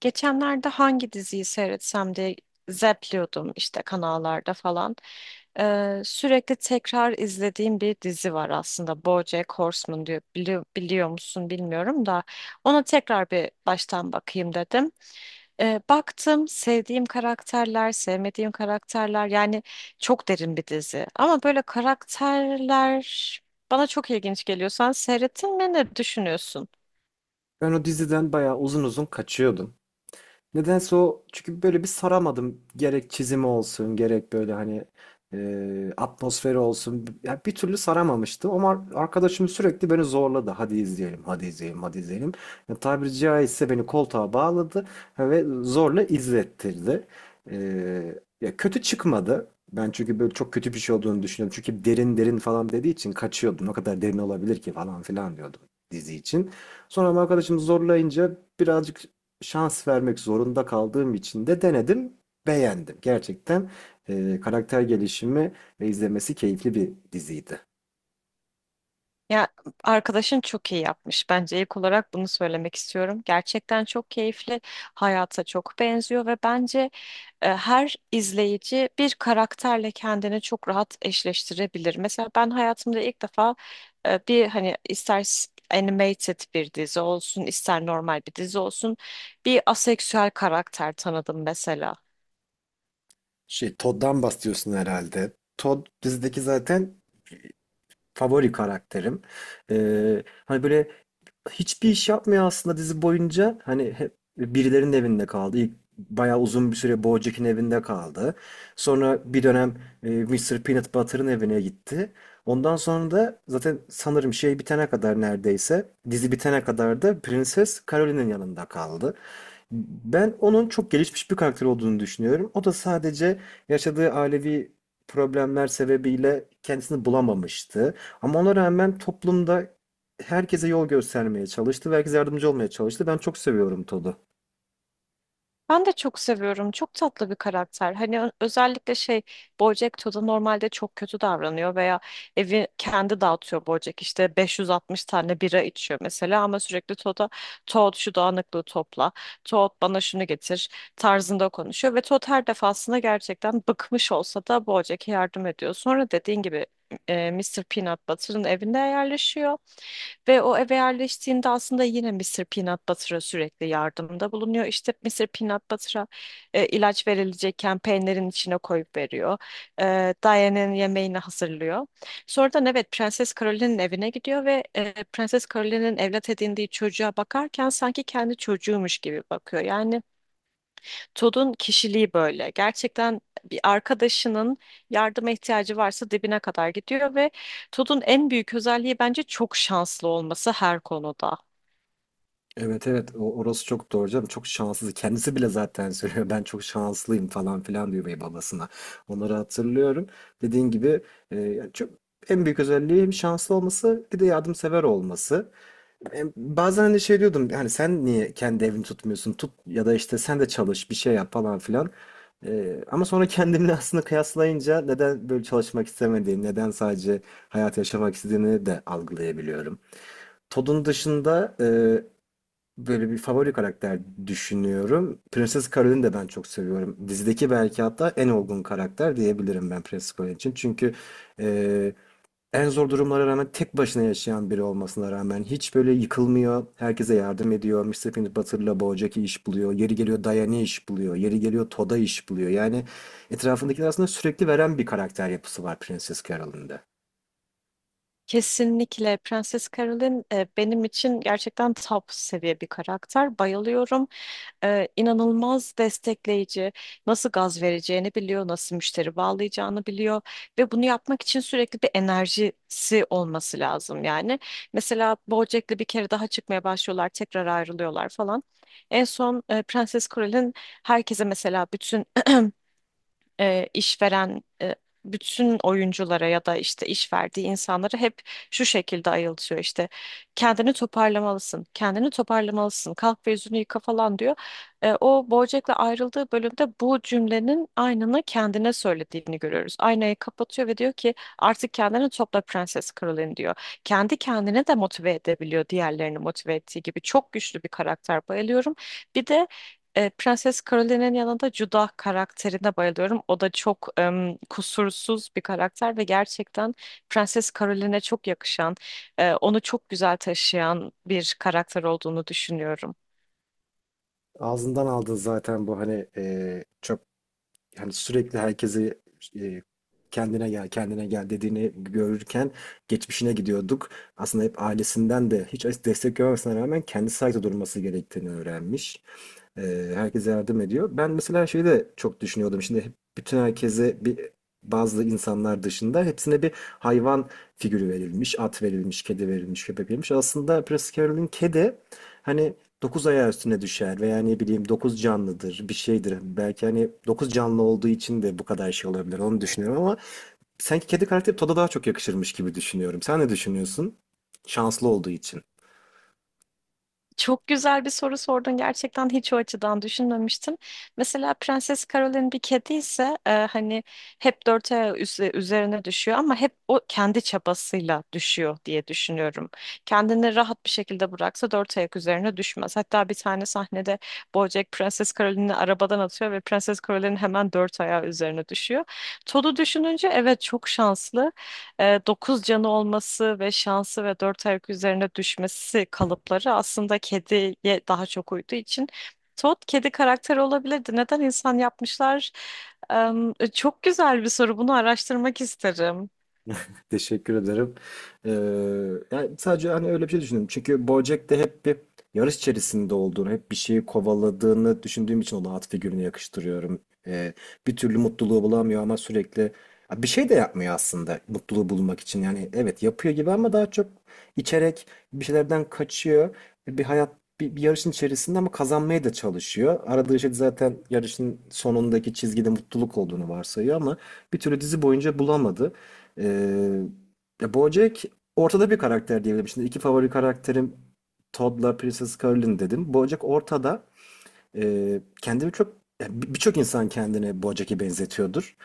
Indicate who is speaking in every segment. Speaker 1: Geçenlerde hangi diziyi seyretsem diye zepliyordum işte kanallarda falan. Sürekli tekrar izlediğim bir dizi var aslında. BoJack Horseman diyor. Biliyor musun bilmiyorum da ona tekrar bir baştan bakayım dedim. Baktım sevdiğim karakterler, sevmediğim karakterler, yani çok derin bir dizi. Ama böyle karakterler bana çok ilginç geliyor. Sen seyrettin mi, ne düşünüyorsun?
Speaker 2: Ben o diziden bayağı uzun uzun kaçıyordum. Nedense o çünkü böyle bir saramadım. Gerek çizimi olsun, gerek böyle hani atmosferi olsun. Ya bir türlü saramamıştım ama arkadaşım sürekli beni zorladı. Hadi izleyelim, hadi izleyelim, hadi izleyelim. Ya, tabiri caizse beni koltuğa bağladı ve zorla izlettirdi. E, ya kötü çıkmadı. Ben çünkü böyle çok kötü bir şey olduğunu düşünüyorum. Çünkü derin derin falan dediği için kaçıyordum. Ne kadar derin olabilir ki falan filan diyordum dizi için. Sonra ama arkadaşım zorlayınca birazcık şans vermek zorunda kaldığım için de denedim, beğendim. Gerçekten karakter gelişimi ve izlemesi keyifli bir diziydi.
Speaker 1: Ya arkadaşın çok iyi yapmış. Bence ilk olarak bunu söylemek istiyorum. Gerçekten çok keyifli, hayata çok benziyor ve bence her izleyici bir karakterle kendini çok rahat eşleştirebilir. Mesela ben hayatımda ilk defa bir hani ister animated bir dizi olsun, ister normal bir dizi olsun bir aseksüel karakter tanıdım mesela.
Speaker 2: Şey, Todd'dan bahsediyorsun herhalde. Todd dizideki zaten favori karakterim. E, hani böyle hiçbir iş yapmıyor aslında dizi boyunca. Hani hep birilerinin evinde kaldı. İlk bayağı uzun bir süre BoJack'in evinde kaldı. Sonra bir dönem Mr. Peanut Butter'ın evine gitti. Ondan sonra da zaten sanırım şey bitene kadar neredeyse dizi bitene kadar da Prenses Caroline'in yanında kaldı. Ben onun çok gelişmiş bir karakter olduğunu düşünüyorum. O da sadece yaşadığı ailevi problemler sebebiyle kendisini bulamamıştı. Ama ona rağmen toplumda herkese yol göstermeye çalıştı ve herkese yardımcı olmaya çalıştı. Ben çok seviyorum Todd'u.
Speaker 1: Ben de çok seviyorum. Çok tatlı bir karakter. Hani özellikle şey, BoJack Todd normalde çok kötü davranıyor veya evi kendi dağıtıyor BoJack. İşte 560 tane bira içiyor mesela ama sürekli Todd'a Todd şu dağınıklığı topla, Todd bana şunu getir tarzında konuşuyor ve Todd her defasında gerçekten bıkmış olsa da BoJack'e yardım ediyor. Sonra dediğin gibi Mr. Peanut Butter'ın evinde yerleşiyor. Ve o eve yerleştiğinde aslında yine Mr. Peanut Butter'a sürekli yardımda bulunuyor. İşte Mr. Peanut Butter'a ilaç verilecekken peynirin içine koyup veriyor. Diane'in yemeğini hazırlıyor. Sonradan evet Prenses Caroline'in evine gidiyor ve Prenses Caroline'in evlat edindiği çocuğa bakarken sanki kendi çocuğumuş gibi bakıyor. Yani Todd'un kişiliği böyle. Gerçekten bir arkadaşının yardıma ihtiyacı varsa dibine kadar gidiyor ve Todd'un en büyük özelliği bence çok şanslı olması her konuda.
Speaker 2: Evet, evet, orası çok doğru canım. Çok şanssız. Kendisi bile zaten söylüyor. Ben çok şanslıyım falan filan diyor bey babasına. Onları hatırlıyorum. Dediğin gibi, yani çok en büyük özelliği hem şanslı olması bir de yardımsever olması. Bazen hani şey diyordum, hani sen niye kendi evini tutmuyorsun tut, ya da işte sen de çalış bir şey yap falan filan. Ama sonra kendimle aslında kıyaslayınca neden böyle çalışmak istemediğini, neden sadece hayat yaşamak istediğini de algılayabiliyorum. Todd'un dışında böyle bir favori karakter düşünüyorum. Prenses Carol'ü de ben çok seviyorum. Dizideki belki hatta en olgun karakter diyebilirim ben Prenses Carol için. Çünkü e, en zor durumlara rağmen tek başına yaşayan biri olmasına rağmen hiç böyle yıkılmıyor. Herkese yardım ediyor. Mister Peanut Butter'la Bojack'i iş buluyor. Yeri geliyor Diane'i iş buluyor. Yeri geliyor Toad'a iş buluyor. Yani etrafındakiler aslında sürekli veren bir karakter yapısı var Prenses Carol'ın da.
Speaker 1: Kesinlikle Prenses Caroline benim için gerçekten top seviye bir karakter. Bayılıyorum. İnanılmaz destekleyici. Nasıl gaz vereceğini biliyor, nasıl müşteri bağlayacağını biliyor ve bunu yapmak için sürekli bir enerjisi olması lazım yani. Mesela BoJack'le bir kere daha çıkmaya başlıyorlar, tekrar ayrılıyorlar falan. En son Prenses Caroline herkese mesela bütün işveren bütün oyunculara ya da işte iş verdiği insanları hep şu şekilde ayıltıyor işte: kendini toparlamalısın, kendini toparlamalısın, kalk ve yüzünü yıka falan diyor. O BoJack'le ayrıldığı bölümde bu cümlenin aynını kendine söylediğini görüyoruz. Aynayı kapatıyor ve diyor ki artık kendini topla Prenses Caroline diyor. Kendi kendine de motive edebiliyor diğerlerini motive ettiği gibi. Çok güçlü bir karakter, bayılıyorum. Bir de Prenses Caroline'in yanında Judah karakterine bayılıyorum. O da çok kusursuz bir karakter ve gerçekten Prenses Caroline'e çok yakışan, onu çok güzel taşıyan bir karakter olduğunu düşünüyorum.
Speaker 2: Ağzından aldın zaten bu hani, çok hani sürekli herkesi eee, kendine gel, kendine gel dediğini görürken geçmişine gidiyorduk. Aslında hep ailesinden de hiç destek görmemesine rağmen kendi ayakta durması gerektiğini öğrenmiş. Herkese yardım ediyor. Ben mesela şeyi de çok düşünüyordum. Şimdi hep, bütün herkese bazı insanlar dışında hepsine bir hayvan figürü verilmiş. At verilmiş, kedi verilmiş, köpek verilmiş. Aslında Prince Carol'ün kedi hani 9 ayağı üstüne düşer veya ne bileyim 9 canlıdır bir şeydir. Belki hani dokuz canlı olduğu için de bu kadar şey olabilir onu düşünüyorum ama sanki kedi karakteri Todd'a daha çok yakışırmış gibi düşünüyorum. Sen ne düşünüyorsun? Şanslı olduğu için.
Speaker 1: Çok güzel bir soru sordun. Gerçekten hiç o açıdan düşünmemiştim. Mesela Prenses Caroline bir kedi ise hani hep dört ayağı üzerine düşüyor ama hep o kendi çabasıyla düşüyor diye düşünüyorum. Kendini rahat bir şekilde bıraksa dört ayak üzerine düşmez. Hatta bir tane sahnede BoJack Prenses Caroline'i arabadan atıyor ve Prenses Caroline hemen dört ayağı üzerine düşüyor. Todd'u düşününce evet çok şanslı, 9 canı olması ve şansı ve 4 ayak üzerine düşmesi kalıpları aslında kediye daha çok uyduğu için Todd kedi karakteri olabilirdi. Neden insan yapmışlar? Çok güzel bir soru. Bunu araştırmak isterim.
Speaker 2: Teşekkür ederim. Ee, yani sadece hani öyle bir şey düşündüm. Çünkü BoJack'te hep bir yarış içerisinde olduğunu, hep bir şeyi kovaladığını düşündüğüm için ona at figürünü yakıştırıyorum. Ee, bir türlü mutluluğu bulamıyor ama sürekli. Ya bir şey de yapmıyor aslında mutluluğu bulmak için. Yani evet yapıyor gibi ama daha çok içerek bir şeylerden kaçıyor. Bir hayat bir yarışın içerisinde ama kazanmaya da çalışıyor. Aradığı şey de zaten yarışın sonundaki çizgide mutluluk olduğunu varsayıyor ama bir türlü dizi boyunca bulamadı. Ee, ya BoJack ortada bir karakter diyebilirim. Şimdi iki favori karakterim Todd'la Princess Carolyn dedim. BoJack ortada. Kendimi çok yani birçok insan kendini Bojack'e benzetiyordur.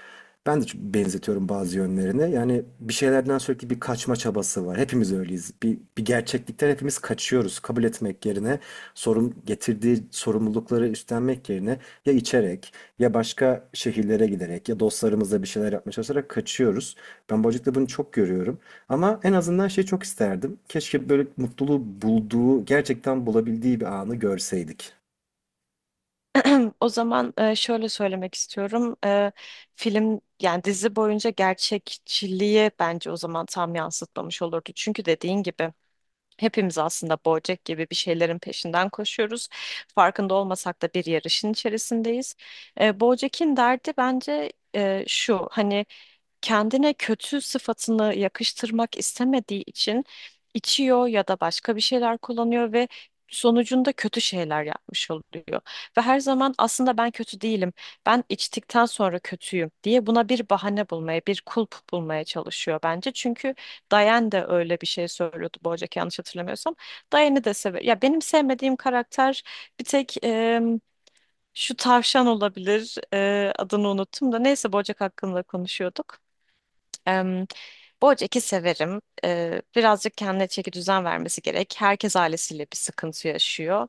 Speaker 2: Ben de çok benzetiyorum bazı yönlerine. Yani bir şeylerden sürekli bir kaçma çabası var. Hepimiz öyleyiz. Bir gerçeklikten hepimiz kaçıyoruz. Kabul etmek yerine sorun getirdiği sorumlulukları üstlenmek yerine ya içerek, ya başka şehirlere giderek, ya dostlarımızla bir şeyler yapmaya çalışarak kaçıyoruz. Ben Bojack'ta bunu çok görüyorum. Ama en azından şey çok isterdim. Keşke böyle mutluluğu bulduğu, gerçekten bulabildiği bir anı görseydik.
Speaker 1: O zaman şöyle söylemek istiyorum. Film, yani dizi boyunca gerçekçiliği bence o zaman tam yansıtmamış olurdu. Çünkü dediğin gibi hepimiz aslında Bojack gibi bir şeylerin peşinden koşuyoruz. Farkında olmasak da bir yarışın içerisindeyiz. Bojack'in derdi bence şu: hani kendine kötü sıfatını yakıştırmak istemediği için içiyor ya da başka bir şeyler kullanıyor ve sonucunda kötü şeyler yapmış oluyor. Ve her zaman aslında ben kötü değilim, ben içtikten sonra kötüyüm diye buna bir bahane bulmaya, bir kulp bulmaya çalışıyor bence. Çünkü Diane de öyle bir şey söylüyordu Bojack, yanlış hatırlamıyorsam. Diane'i de sever. Ya benim sevmediğim karakter bir tek şu tavşan olabilir. Adını unuttum da neyse, Bojack hakkında konuşuyorduk. Em, Bojack'i severim. Birazcık kendine çeki düzen vermesi gerek. Herkes ailesiyle bir sıkıntı yaşıyor.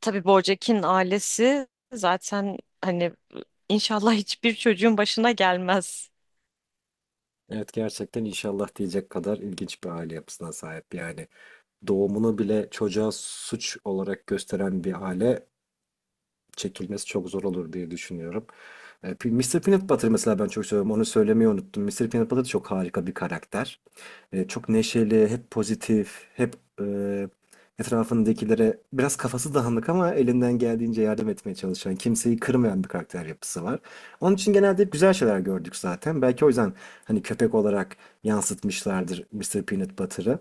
Speaker 1: Tabii Bojack'in ailesi zaten hani inşallah hiçbir çocuğun başına gelmez.
Speaker 2: Evet, gerçekten inşallah diyecek kadar ilginç bir aile yapısına sahip. Yani doğumunu bile çocuğa suç olarak gösteren bir aile, çekilmesi çok zor olur diye düşünüyorum. Mr. Peanut Butter mesela ben çok seviyorum. Onu söylemeyi unuttum. Mr. Peanut Butter çok harika bir karakter. Çok neşeli, hep pozitif, hep e, etrafındakilere biraz kafası dağınık ama elinden geldiğince yardım etmeye çalışan, kimseyi kırmayan bir karakter yapısı var. Onun için genelde hep güzel şeyler gördük zaten. Belki o yüzden hani köpek olarak yansıtmışlardır Mr. Peanut Butter'ı.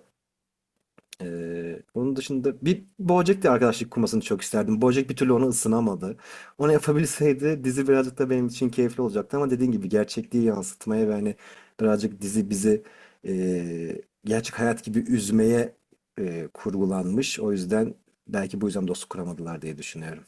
Speaker 2: Onun dışında bir BoJack'le arkadaşlık kurmasını çok isterdim. BoJack bir türlü ona ısınamadı. Onu yapabilseydi dizi birazcık da benim için keyifli olacaktı ama dediğin gibi gerçekliği yansıtmaya ve hani birazcık dizi bizi gerçek hayat gibi üzmeye kurgulanmış. O yüzden belki bu yüzden dostluk kuramadılar diye düşünüyorum.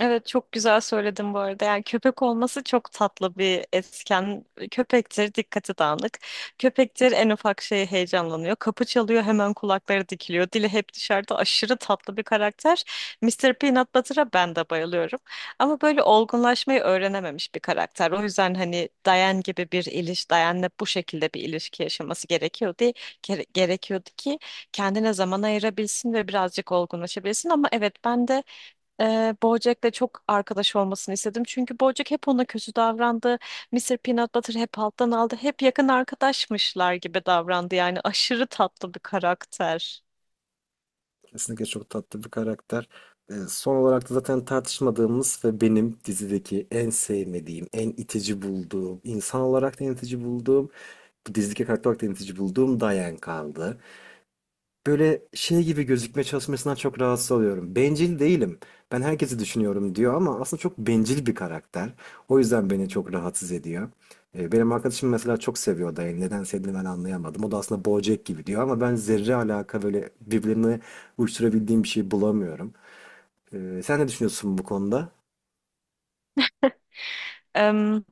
Speaker 1: Evet çok güzel söyledin bu arada. Yani köpek olması çok tatlı bir etken. Köpektir, dikkati dağınık. Köpektir, en ufak şeye heyecanlanıyor. Kapı çalıyor, hemen kulakları dikiliyor. Dili hep dışarıda, aşırı tatlı bir karakter. Mister Peanut Butter'a ben de bayılıyorum. Ama böyle olgunlaşmayı öğrenememiş bir karakter. O yüzden hani Diane gibi bir Diane'le bu şekilde bir ilişki yaşaması gerekiyordu ki kendine zaman ayırabilsin ve birazcık olgunlaşabilsin. Ama evet ben de BoJack'le çok arkadaş olmasını istedim. Çünkü BoJack hep ona kötü davrandı. Mr. Peanut Butter hep alttan aldı. Hep yakın arkadaşmışlar gibi davrandı. Yani aşırı tatlı bir karakter.
Speaker 2: Kesinlikle çok tatlı bir karakter. Son olarak da zaten tartışmadığımız ve benim dizideki en sevmediğim, en itici bulduğum, insan olarak da en itici bulduğum, bu dizideki karakter olarak da en itici bulduğum Diane kaldı. Böyle şey gibi gözükme çalışmasından çok rahatsız oluyorum. Bencil değilim. Ben herkesi düşünüyorum diyor ama aslında çok bencil bir karakter. O yüzden beni çok rahatsız ediyor. Benim arkadaşım mesela çok seviyor Dayı. Neden sevdiğini ben anlayamadım. O da aslında Bojack gibi diyor ama ben zerre alaka böyle birbirine uyuşturabildiğim bir şey bulamıyorum. Sen ne düşünüyorsun bu konuda?
Speaker 1: Em,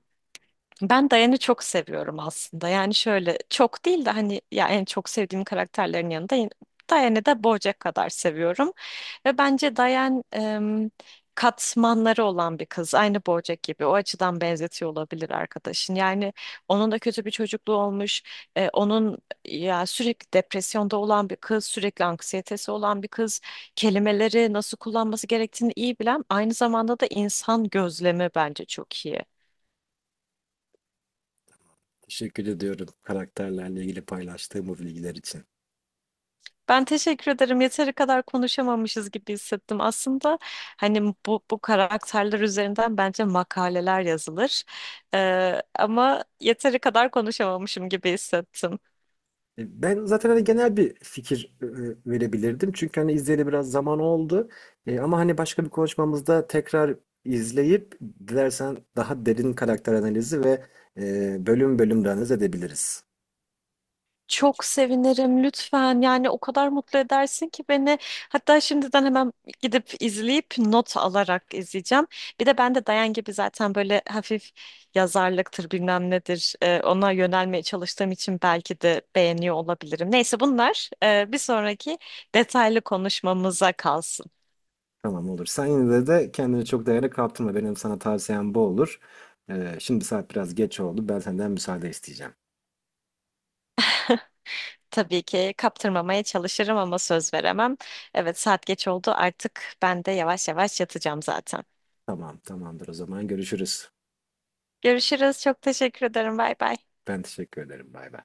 Speaker 1: Ben Diane'i çok seviyorum aslında. Yani şöyle çok değil de hani ya en çok sevdiğim karakterlerin yanında yine- Diane'i de BoJack kadar seviyorum. Ve bence Dayan katmanları olan bir kız. Aynı Bojack gibi. O açıdan benzetiyor olabilir arkadaşın. Yani onun da kötü bir çocukluğu olmuş. Onun ya sürekli depresyonda olan bir kız, sürekli anksiyetesi olan bir kız. Kelimeleri nasıl kullanması gerektiğini iyi bilen, aynı zamanda da insan gözlemi bence çok iyi.
Speaker 2: Teşekkür ediyorum karakterlerle ilgili paylaştığım bu bilgiler için.
Speaker 1: Ben teşekkür ederim. Yeteri kadar konuşamamışız gibi hissettim. Aslında hani bu karakterler üzerinden bence makaleler yazılır. Ama yeteri kadar konuşamamışım gibi hissettim.
Speaker 2: Ben zaten hani genel bir fikir verebilirdim. Çünkü hani izleyeli biraz zaman oldu. Ama hani başka bir konuşmamızda tekrar izleyip, dilersen daha derin karakter analizi ve bölüm bölüm de analiz edebiliriz.
Speaker 1: Çok sevinirim lütfen. Yani o kadar mutlu edersin ki beni. Hatta şimdiden hemen gidip izleyip not alarak izleyeceğim. Bir de ben de Dayan gibi zaten böyle hafif yazarlıktır bilmem nedir ona yönelmeye çalıştığım için belki de beğeniyor olabilirim. Neyse bunlar bir sonraki detaylı konuşmamıza kalsın.
Speaker 2: Tamam, olur. Sen yine de kendini çok değerli kaptırma. Benim sana tavsiyem bu olur. Şimdi saat biraz geç oldu. Ben senden müsaade isteyeceğim.
Speaker 1: Tabii ki kaptırmamaya çalışırım ama söz veremem. Evet saat geç oldu, artık ben de yavaş yavaş yatacağım zaten.
Speaker 2: Tamam, tamamdır, o zaman görüşürüz.
Speaker 1: Görüşürüz. Çok teşekkür ederim. Bay bay.
Speaker 2: Ben teşekkür ederim. Bay bay.